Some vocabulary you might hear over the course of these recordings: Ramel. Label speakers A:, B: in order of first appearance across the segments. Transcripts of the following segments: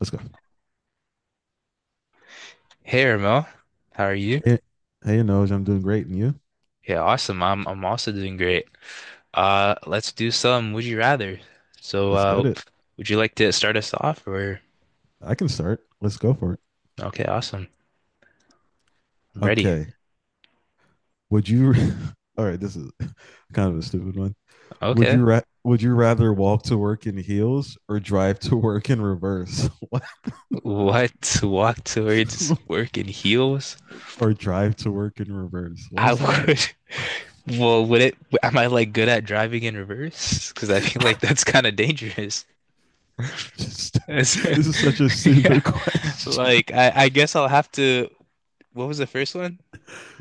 A: Let's go.
B: Hey Ramel, how are you?
A: Hey, hey, Noj, I'm doing great. And you?
B: Yeah, awesome. I'm also doing great. Let's do some Would You Rather. So,
A: Let's
B: uh,
A: get it.
B: would you like to start us off or?
A: I can start. Let's go for it.
B: Okay, awesome. I'm ready.
A: Okay. Would you? All right. This is kind of a stupid one.
B: Okay.
A: Would you rather walk to work in heels or drive to work in reverse?
B: What walk towards work in heels?
A: Or drive to work in reverse? What
B: I
A: is that?
B: would. Well, would it? Am I like good at driving in reverse? Because I feel like that's kind of dangerous.
A: Just this is such a
B: Yeah.
A: stupid question.
B: Like I guess I'll have to. What was the first one?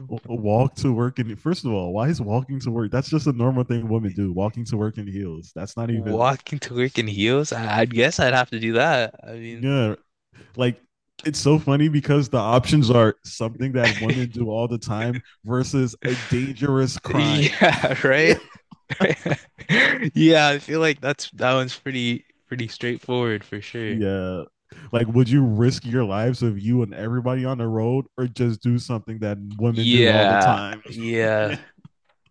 A: Walk to work in. First of all, why is walking to work? That's just a normal thing women do. Walking to work in heels. That's not even.
B: Walking to work in heels? I guess I'd have to do that. I mean,
A: Yeah, like it's so funny because the options are something that women do all the time versus a dangerous crime.
B: yeah, right? Yeah, I feel like that's that one's pretty straightforward for sure.
A: Yeah. Like, would you risk your lives of you and everybody on the road or just do something that women do all the
B: Yeah,
A: time?
B: yeah,
A: Yeah.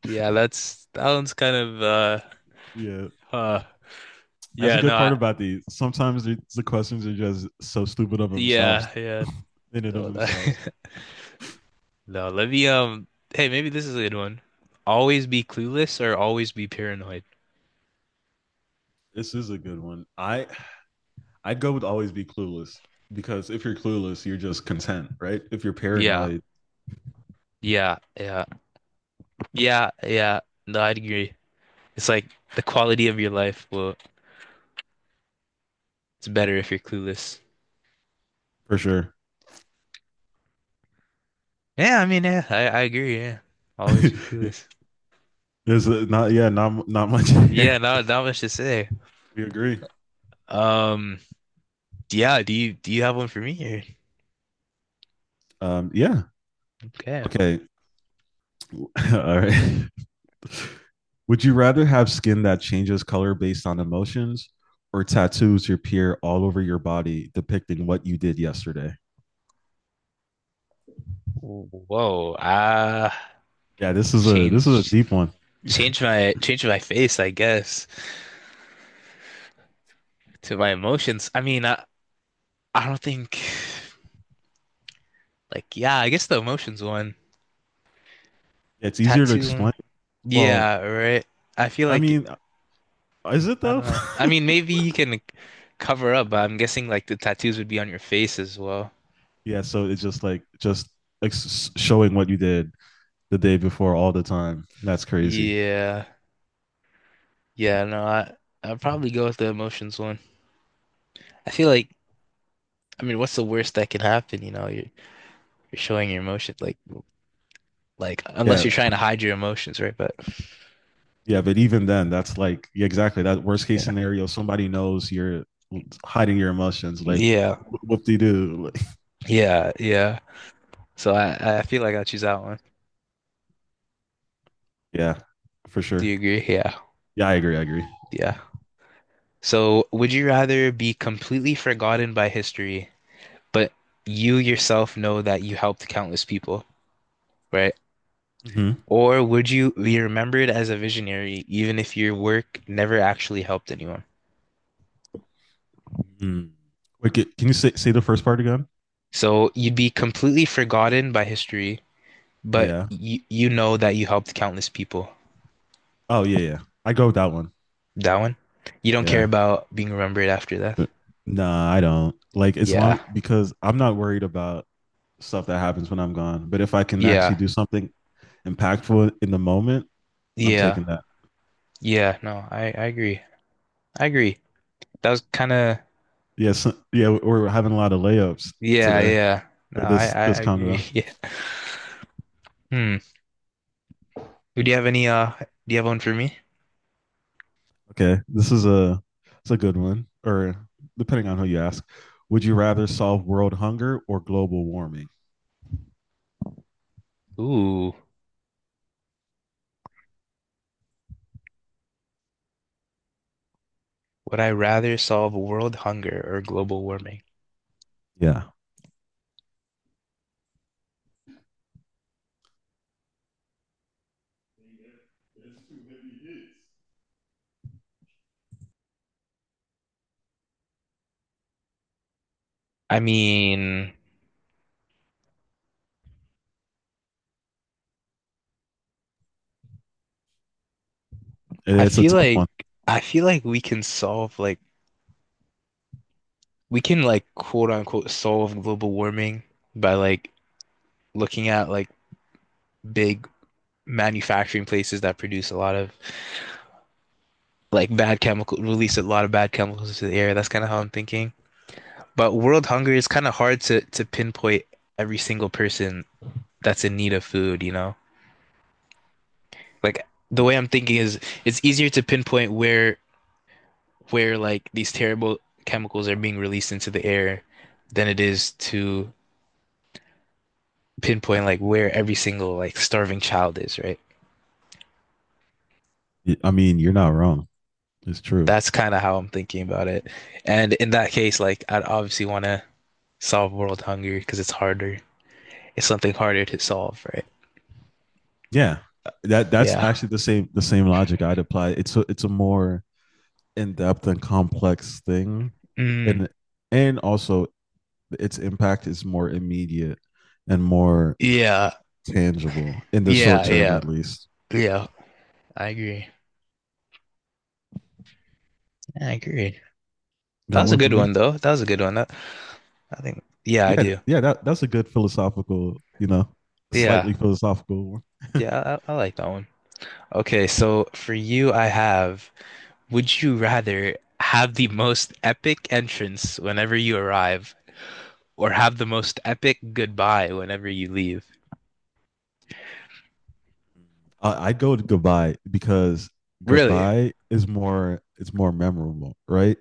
B: yeah. That's that one's kind of
A: Yeah.
B: uh,
A: That's a
B: yeah,
A: good part about these. Sometimes questions are just so stupid of
B: yeah,
A: themselves,
B: yeah.
A: in and of
B: No,
A: themselves.
B: that, no. Let me. Hey, maybe this is a good one. Always be clueless or always be paranoid.
A: This is a good one. I'd go with always be clueless because if you're clueless, you're just content, right? If you're
B: Yeah,
A: paranoid,
B: yeah, yeah, yeah, yeah. No, I'd agree. It's like the quality of your life. Well, it's better if you're clueless.
A: for sure.
B: Yeah, I mean, yeah, I agree. Yeah, always be clueless.
A: There's not yeah, not much
B: Yeah,
A: here.
B: not not much to say.
A: We agree.
B: Um, yeah. Do you have one for me here?
A: Yeah.
B: Okay.
A: Okay. All right. Would you rather have skin that changes color based on emotions or tattoos your peer all over your body depicting what you did yesterday?
B: Whoa.
A: Yeah, this is a
B: Change
A: deep one.
B: change my face, I guess, to my emotions. I don't think like, yeah. I guess the emotions one,
A: It's easier to
B: tattoo one.
A: explain. Well,
B: Yeah, right. I feel
A: I
B: like
A: mean, is it
B: I
A: though?
B: don't know. I mean, maybe you can like, cover up, but I'm guessing like the tattoos would be on your face as well.
A: Yeah, so it's just like just showing what you did the day before all the time. That's crazy.
B: Yeah. Yeah, no, I'd probably go with the emotions one. I feel like I mean, what's the worst that can happen, you know? You're showing your emotion. Like unless
A: Yeah.
B: you're trying to hide your emotions, right? But
A: Yeah. But even then, that's like, yeah, exactly. That worst case
B: yeah.
A: scenario, somebody knows you're hiding your emotions. Like,
B: Yeah.
A: whoop de doo. Like,
B: Yeah, yeah. So I feel like I'll choose that one.
A: yeah, for
B: Do
A: sure.
B: you agree? Yeah.
A: Yeah, I agree. I agree.
B: Yeah. So would you rather be completely forgotten by history, but you yourself know that you helped countless people? Right?
A: Mm-hmm.
B: Or would you be remembered as a visionary even if your work never actually helped anyone?
A: Mm. Wait, can you say, say the first part again?
B: So you'd be completely forgotten by history, but
A: Yeah.
B: you know that you helped countless people.
A: Oh, yeah. Yeah. I go with that one.
B: That one? You don't care
A: Yeah.
B: about being remembered after death?
A: Nah, I don't. Like, it's
B: Yeah.
A: long because I'm not worried about stuff that happens when I'm gone. But if I can actually
B: Yeah.
A: do something impactful in the moment, I'm
B: Yeah.
A: taking that.
B: Yeah. No, I agree. I agree. That was kind of
A: Yes, yeah, we're having a lot of layups
B: yeah,
A: today
B: yeah. No,
A: for
B: I
A: this
B: I
A: this
B: agree.
A: convo.
B: Yeah. Hmm. Do you have any uh do you have one for me?
A: Okay, this is a it's a good one, or depending on who you ask. Would you rather solve world hunger or global warming?
B: Ooh. Would I rather solve world hunger or global warming?
A: Yeah,
B: I mean, I
A: it's a
B: feel
A: tough
B: like
A: one.
B: I feel like we can solve like we can like quote unquote solve global warming by like looking at like big manufacturing places that produce a lot of like bad chemical release a lot of bad chemicals into the air. That's kind of how I'm thinking. But world hunger is kind of hard to pinpoint every single person that's in need of food, you know? Like the way I'm thinking is it's easier to pinpoint where like these terrible chemicals are being released into the air than it is to pinpoint like where every single like starving child is, right?
A: I mean, you're not wrong. It's true.
B: That's kind of how I'm thinking about it. And in that case, like I'd obviously want to solve world hunger because it's harder. It's something harder to solve, right?
A: Yeah, that that's
B: Yeah.
A: actually the same logic I'd apply. It's a more in depth and complex thing,
B: Mm,
A: and and also its impact is more immediate and more
B: yeah.
A: tangible in the short
B: Yeah.
A: term,
B: Yeah.
A: at least.
B: Yeah. I agree. I agree. That
A: Got
B: was a
A: one for
B: good
A: me?
B: one though. That was a good one. That, I think. Yeah, I
A: Yeah,
B: do.
A: yeah. That that's a good philosophical, you know,
B: Yeah.
A: slightly philosophical one.
B: Yeah. I like that one. Okay, so for you, I have, would you rather have the most epic entrance whenever you arrive or have the most epic goodbye whenever you leave?
A: I'd go to goodbye because
B: Really?
A: goodbye is more it's more memorable, right?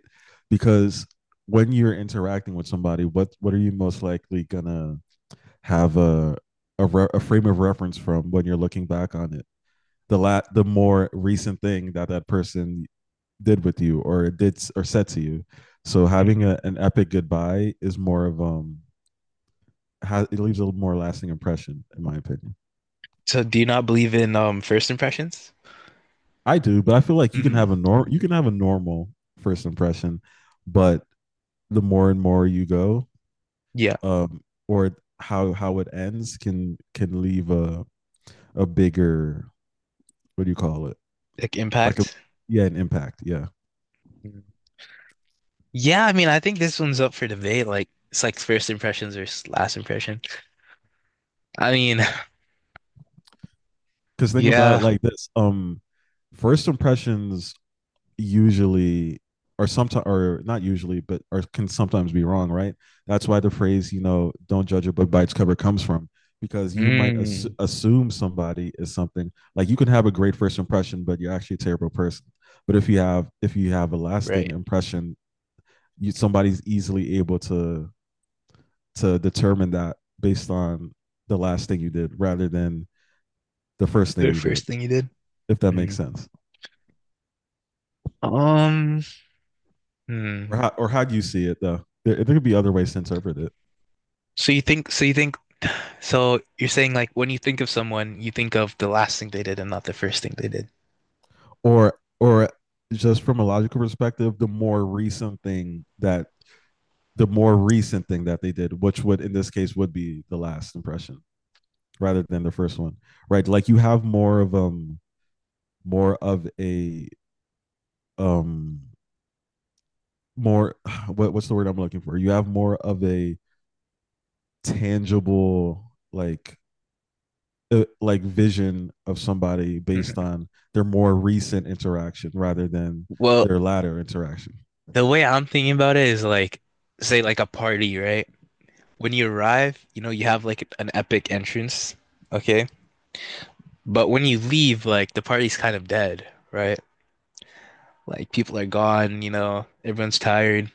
A: Because when you're interacting with somebody, what are you most likely gonna have a a frame of reference from when you're looking back on it. The more recent thing that that person did with you or did or said to you. So having
B: Hmm.
A: a, an epic goodbye is more of it leaves a more lasting impression in my opinion.
B: So do you not believe in first impressions?
A: I do, but I feel like you can
B: Hmm.
A: have a norm you can have a normal first impression, but the more and more you go,
B: Yeah,
A: um, or how it ends can leave a bigger what do you call it
B: like
A: like a
B: impact.
A: yeah an impact yeah
B: Mm. Yeah, I mean, I think this one's up for debate. Like it's like first impressions or last impression. I mean,
A: because think about it
B: yeah.
A: like this. First impressions usually or sometimes or not usually but or can sometimes be wrong right that's why the phrase you know don't judge a book by its cover comes from because you might
B: Mm,
A: assume somebody is something like you can have a great first impression but you're actually a terrible person but if you have a lasting
B: right.
A: impression you, somebody's easily able to determine that based on the last thing you did rather than the first thing
B: The
A: you did,
B: first thing you did.
A: if that makes
B: Mm.
A: sense.
B: Um, hmm.
A: Or how do you see it though? There could be other ways to interpret it.
B: So you think so you think So you're saying like when you think of someone, you think of the last thing they did and not the first thing they did.
A: Or just from a logical perspective, the more recent thing that they did, which would in this case would be the last impression rather than the first one. Right. Like you have more of a um more what, what's the word I'm looking for? You have more of a tangible like vision of somebody based
B: Mhm.
A: on their more recent interaction rather than
B: Well,
A: their latter interaction.
B: the way I'm thinking about it is like, say like a party, right? When you arrive, you know, you have like an epic entrance, okay? But when you leave, like the party's kind of dead, right? Like people are gone, you know, everyone's tired.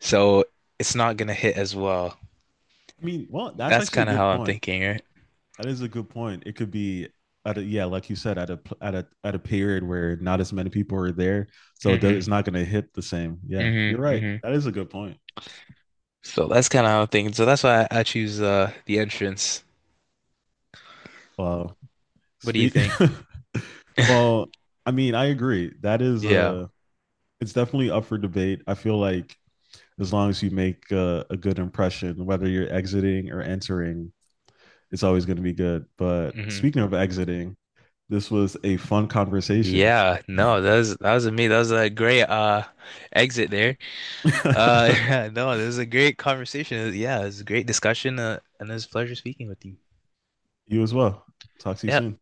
B: So it's not gonna hit as well.
A: I mean, well, that's
B: That's
A: actually a
B: kind of how
A: good
B: I'm
A: point.
B: thinking, right?
A: That is a good point. It could be yeah, like you said, at a period where not as many people are there, so it does,
B: Mm-hmm.
A: it's not going to hit the same. Yeah, you're
B: Mm-hmm.
A: right.
B: Mm-hmm.
A: That is a good point.
B: So that's kind of how I'm thinking. So that's why I choose the entrance.
A: Well,
B: What do you
A: speak.
B: think?
A: Well, I mean, I agree. That is
B: Yeah.
A: a. It's definitely up for debate. I feel like as long as you make a good impression, whether you're exiting or entering, it's always going to be good. But
B: Mm-hmm.
A: speaking of exiting, this was a fun conversation.
B: Yeah, no, that was me. That was a great exit there. Yeah, no, this is a great conversation. Yeah, it's a great discussion, and it's a pleasure speaking with you.
A: You as well. Talk to you
B: Yeah.
A: soon.